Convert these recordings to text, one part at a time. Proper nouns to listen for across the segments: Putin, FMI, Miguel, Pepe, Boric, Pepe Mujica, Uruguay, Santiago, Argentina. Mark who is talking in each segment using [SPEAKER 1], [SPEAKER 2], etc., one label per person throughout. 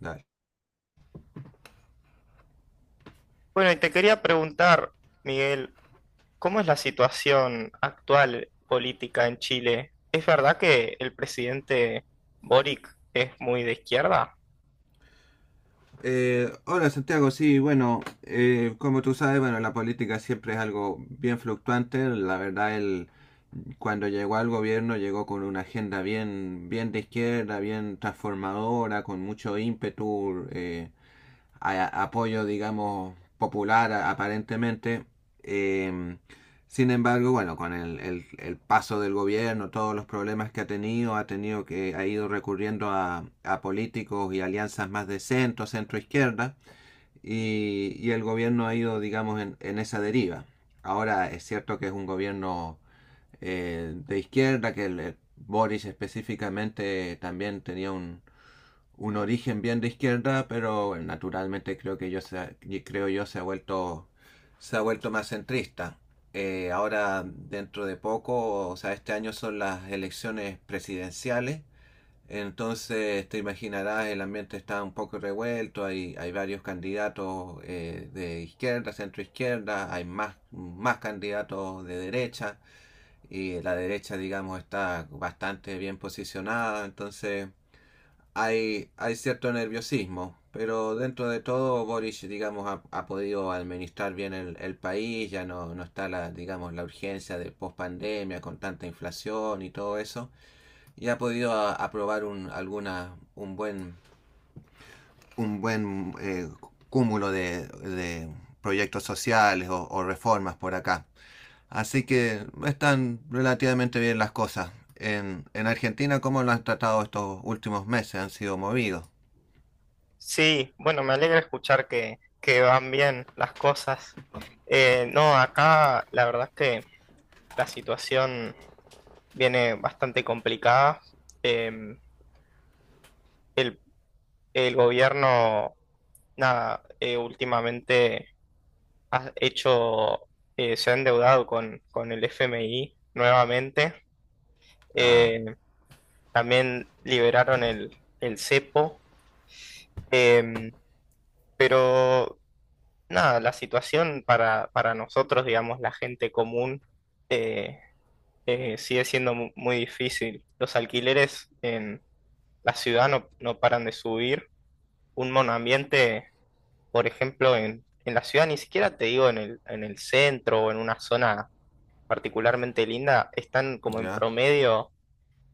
[SPEAKER 1] Dale.
[SPEAKER 2] Bueno, y te quería preguntar, Miguel, ¿cómo es la situación actual política en Chile? ¿Es verdad que el presidente Boric es muy de izquierda?
[SPEAKER 1] Hola, Santiago. Sí, bueno, como tú sabes, bueno, la política siempre es algo bien fluctuante. La verdad, él cuando llegó al gobierno llegó con una agenda bien de izquierda, bien transformadora, con mucho ímpetu. A apoyo, digamos, popular aparentemente. Eh, Sin embargo, bueno, con el paso del gobierno, todos los problemas que ha tenido que ha ido recurriendo a políticos y alianzas más de centro, centro izquierda, y el gobierno ha ido, digamos, en esa deriva. Ahora es cierto que es un gobierno de izquierda, que el Boris específicamente también tenía un origen bien de izquierda, pero naturalmente creo yo se ha vuelto más centrista. Ahora dentro de poco, o sea, este año son las elecciones presidenciales, entonces te imaginarás el ambiente está un poco revuelto, hay varios candidatos de izquierda, centro izquierda, hay más candidatos de derecha y la derecha digamos está bastante bien posicionada, entonces hay cierto nerviosismo, pero dentro de todo Boric, digamos, ha, ha podido administrar bien el país, ya no, no está la, digamos, la urgencia de pospandemia con tanta inflación y todo eso, y ha podido aprobar un buen cúmulo de proyectos sociales o reformas por acá. Así que no están relativamente bien las cosas. En Argentina, ¿cómo lo han tratado estos últimos meses? Han sido movidos.
[SPEAKER 2] Sí, bueno, me alegra escuchar que van bien las cosas. No, acá la verdad es que la situación viene bastante complicada. Em, el, el gobierno, nada, últimamente ha hecho, se ha endeudado con el FMI nuevamente.
[SPEAKER 1] Ah.
[SPEAKER 2] Eh, También liberaron el cepo. Eh, pero nada, la situación para nosotros, digamos, la gente común, eh, sigue siendo muy difícil. Los alquileres en la ciudad no paran de subir. Un monoambiente, por ejemplo, en la ciudad, ni siquiera te digo en el centro o en una zona particularmente linda, están como en
[SPEAKER 1] Ya.
[SPEAKER 2] promedio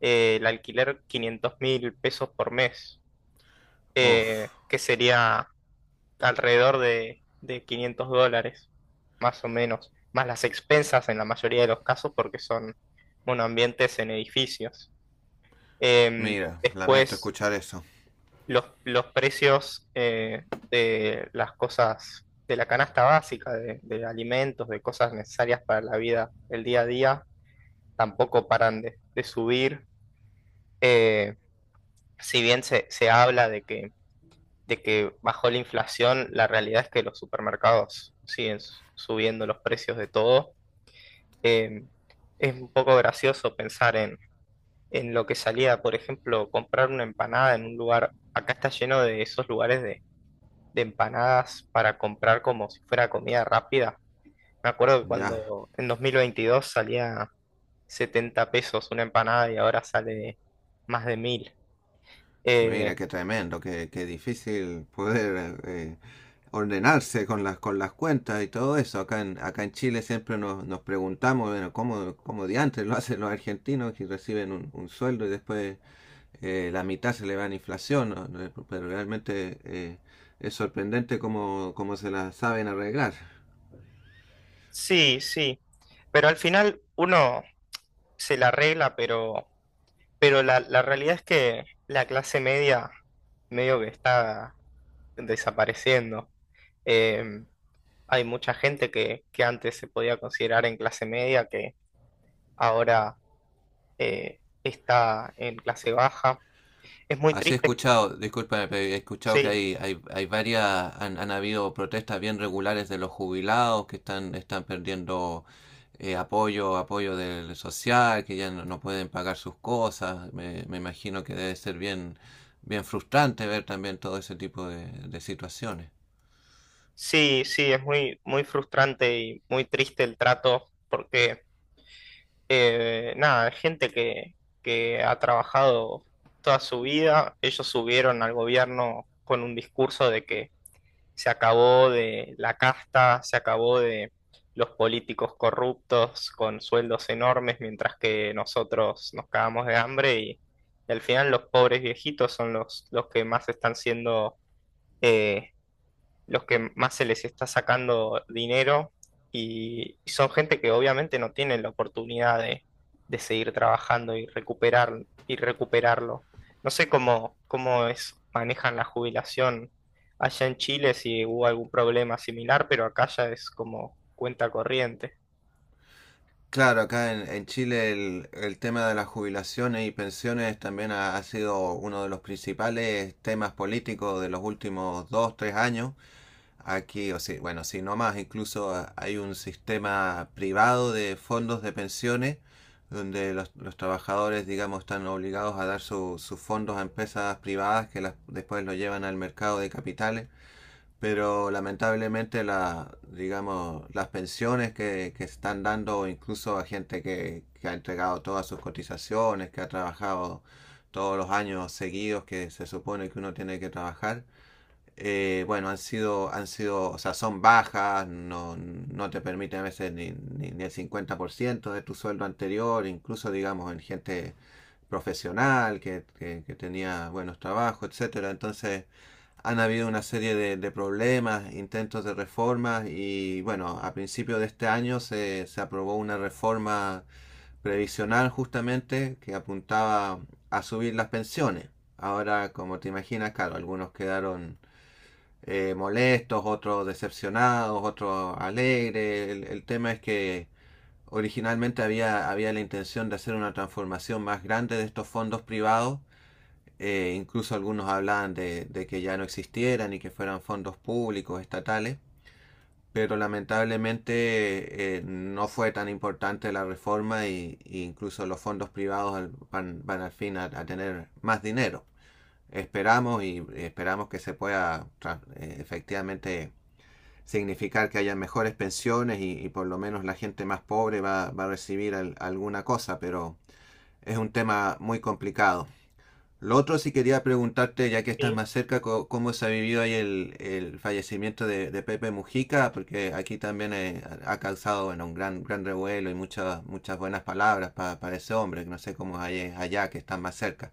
[SPEAKER 2] el alquiler 500 mil pesos por mes,
[SPEAKER 1] Uf.
[SPEAKER 2] que sería alrededor de $500, más o menos, más las expensas en la mayoría de los casos porque son monoambientes en edificios.
[SPEAKER 1] Mira, lamento
[SPEAKER 2] Después,
[SPEAKER 1] escuchar eso.
[SPEAKER 2] los precios de las cosas, de la canasta básica, de alimentos, de cosas necesarias para la vida, el día a día tampoco paran de subir. Eh, si bien se habla de que bajó la inflación, la realidad es que los supermercados siguen subiendo los precios de todo. Eh, es un poco gracioso pensar en lo que salía, por ejemplo, comprar una empanada en un lugar, acá está lleno de esos lugares de empanadas para comprar como si fuera comida rápida. Me acuerdo que
[SPEAKER 1] Ya.
[SPEAKER 2] cuando en 2022 salía 70 pesos una empanada y ahora sale más de mil. Eh,
[SPEAKER 1] Mira, qué tremendo, qué, qué difícil poder ordenarse con las cuentas y todo eso. Acá en, acá en Chile siempre nos, nos preguntamos, bueno, ¿cómo, cómo diantres lo hacen los argentinos que reciben un sueldo y después la mitad se le va en inflación? ¿No? No, pero realmente es sorprendente cómo, cómo se las saben arreglar.
[SPEAKER 2] sí, sí, pero al final uno se la arregla, pero la realidad es que la clase media medio que está desapareciendo. Eh, Hay mucha gente que antes se podía considerar en clase media que ahora está en clase baja. Es muy
[SPEAKER 1] Así he
[SPEAKER 2] triste,
[SPEAKER 1] escuchado, disculpa, pero he escuchado que
[SPEAKER 2] sí,
[SPEAKER 1] hay, hay varias, han, han habido protestas bien regulares de los jubilados que están, están perdiendo apoyo, apoyo del social, que ya no, no pueden pagar sus cosas. Me imagino que debe ser bien, bien frustrante ver también todo ese tipo de situaciones.
[SPEAKER 2] sí, sí, es muy, muy frustrante y muy triste el trato porque nada, gente que ha trabajado toda su vida. Ellos subieron al gobierno con un discurso de que se acabó de la casta, se acabó de los políticos corruptos con sueldos enormes, mientras que nosotros nos cagamos de hambre, y al final los pobres viejitos son los que más están siendo, eh, los que más se les está sacando dinero, y son gente que obviamente no tienen la oportunidad de seguir trabajando y recuperarlo. No sé cómo manejan la jubilación allá en Chile, si hubo algún problema similar, pero acá ya es como cuenta corriente.
[SPEAKER 1] Claro, acá en Chile el tema de las jubilaciones y pensiones también ha, ha sido uno de los principales temas políticos de los últimos dos, tres años. Aquí, o si bueno, si no más, incluso ah, hay un sistema privado de fondos de pensiones donde los trabajadores, digamos, están obligados a dar sus fondos a empresas privadas que las, después lo llevan al mercado de capitales. Pero lamentablemente, la, digamos, las pensiones que están dando incluso a gente que ha entregado todas sus cotizaciones, que ha trabajado todos los años seguidos que se supone que uno tiene que trabajar, bueno, han sido, o sea, son bajas, no, no te permiten a veces ni, ni, ni el 50% de tu sueldo anterior, incluso digamos en gente profesional que, que tenía buenos trabajos, etcétera. Entonces, han habido una serie de problemas, intentos de reformas y bueno, a principio de este año se, se aprobó una reforma previsional justamente que apuntaba a subir las pensiones. Ahora, como te imaginas, claro, algunos quedaron molestos, otros decepcionados, otros alegres. El tema es que originalmente había, había la intención de hacer una transformación más grande de estos fondos privados. Incluso algunos hablaban de que ya no existieran y que fueran fondos públicos, estatales, pero lamentablemente no fue tan importante la reforma y incluso los fondos privados van, van al fin a tener más dinero. Esperamos y esperamos que se pueda efectivamente significar que haya mejores pensiones y por lo menos la gente más pobre va, va a recibir alguna cosa, pero es un tema muy complicado. Lo otro sí quería preguntarte, ya que estás
[SPEAKER 2] Sí,
[SPEAKER 1] más cerca, cómo se ha vivido ahí el fallecimiento de Pepe Mujica, porque aquí también ha causado bueno, un gran, gran revuelo y muchas, muchas buenas palabras para ese hombre, que no sé cómo es allá, que estás más cerca.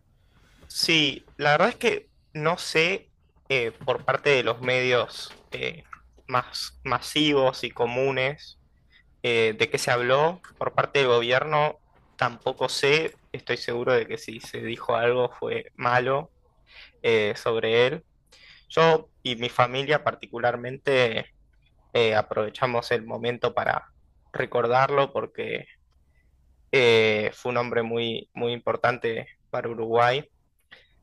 [SPEAKER 2] sí, la verdad es que no sé, por parte de los medios más masivos y comunes. ¿De qué se habló por parte del gobierno? Tampoco sé, estoy seguro de que si se dijo algo fue malo sobre él. Yo y mi familia particularmente aprovechamos el momento para recordarlo porque fue un hombre muy, muy importante para Uruguay.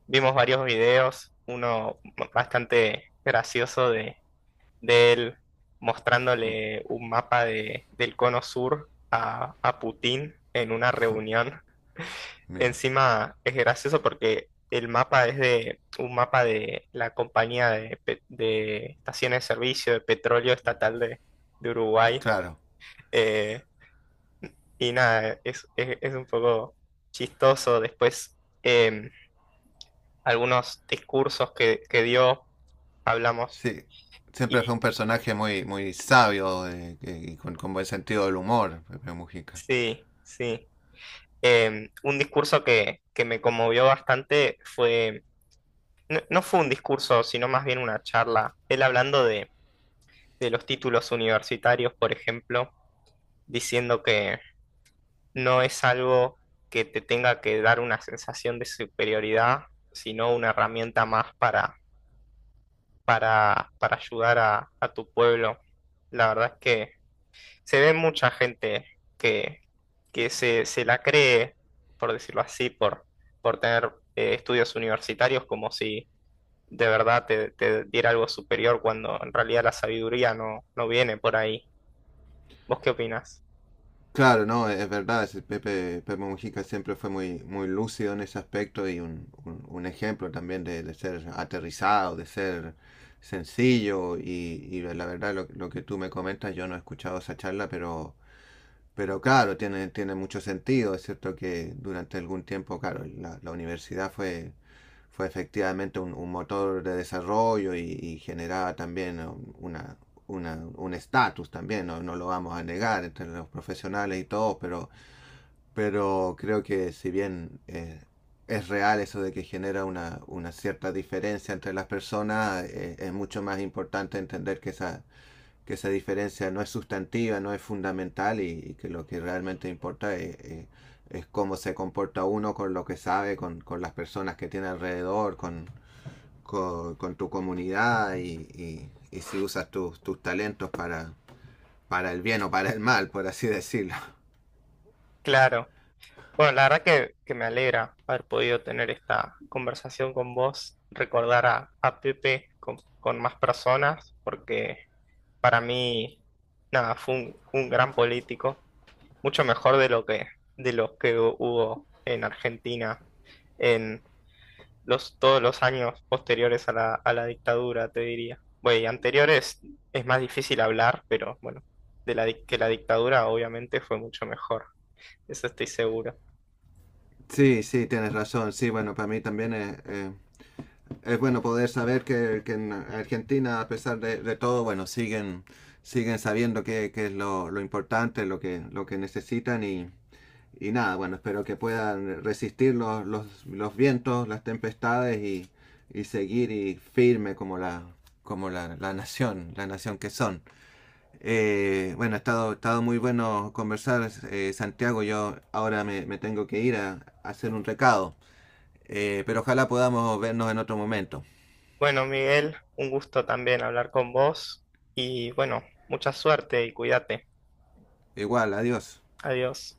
[SPEAKER 2] Vimos varios videos, uno bastante gracioso de él mostrándole un mapa del cono sur a Putin en una reunión.
[SPEAKER 1] Mira,
[SPEAKER 2] Encima es gracioso porque el mapa es de un mapa de la compañía de estaciones de servicio de petróleo estatal de Uruguay.
[SPEAKER 1] claro.
[SPEAKER 2] Eh, y nada, es un poco chistoso. Después, em, algunos discursos que dio, hablamos.
[SPEAKER 1] Sí, siempre fue
[SPEAKER 2] Y
[SPEAKER 1] un personaje muy, muy sabio y con buen sentido del humor, Pepe Mujica.
[SPEAKER 2] sí, sí. Un discurso que me conmovió bastante fue, no fue un discurso, sino más bien una charla. Él hablando de los títulos universitarios, por ejemplo, diciendo que no es algo que te tenga que dar una sensación de superioridad, sino una herramienta más para ayudar a tu pueblo. La verdad es que se ve mucha gente que, que se la cree, por decirlo así, por tener estudios universitarios, como si de verdad te diera algo superior cuando en realidad la sabiduría no viene por ahí. ¿Vos qué opinás?
[SPEAKER 1] Claro, no, es verdad, ese Pepe, Pepe Mujica siempre fue muy, muy lúcido en ese aspecto y un, un ejemplo también de ser aterrizado, de ser sencillo y la verdad lo que tú me comentas, yo no he escuchado esa charla, pero claro, tiene, tiene mucho sentido. Es cierto que durante algún tiempo, claro, la universidad fue, fue efectivamente un motor de desarrollo y generaba también una, un estatus también, no, no lo vamos a negar entre los profesionales y todo, pero creo que si bien es real eso de que genera una cierta diferencia entre las personas, es mucho más importante entender que esa diferencia no es sustantiva, no es fundamental y que lo que realmente importa es, cómo se comporta uno con lo que sabe, con las personas que tiene alrededor, con tu comunidad y si usas tus talentos para el bien o para el mal, por así decirlo.
[SPEAKER 2] Claro. Bueno, la verdad que me alegra haber podido tener esta conversación con vos, recordar a Pepe con más personas, porque para mí, nada, fue un gran político, mucho mejor de lo que hubo en Argentina en todos los años posteriores a la dictadura, te diría. Bueno, y anteriores es más difícil hablar, pero bueno, que la dictadura obviamente fue mucho mejor, eso estoy seguro.
[SPEAKER 1] Sí, sí, tienes razón. Sí, bueno, para mí también es bueno poder saber que en Argentina, a pesar de todo, bueno, siguen, siguen sabiendo qué es lo importante, lo que necesitan y nada, bueno, espero que puedan resistir los vientos, las tempestades y seguir y firme como la, la nación que son. Bueno, ha estado muy bueno conversar, Santiago. Yo ahora me, me tengo que ir a hacer un recado, pero ojalá podamos vernos en otro momento.
[SPEAKER 2] Bueno, Miguel, un gusto también hablar con vos y bueno, mucha suerte y cuídate.
[SPEAKER 1] Igual, adiós.
[SPEAKER 2] Adiós.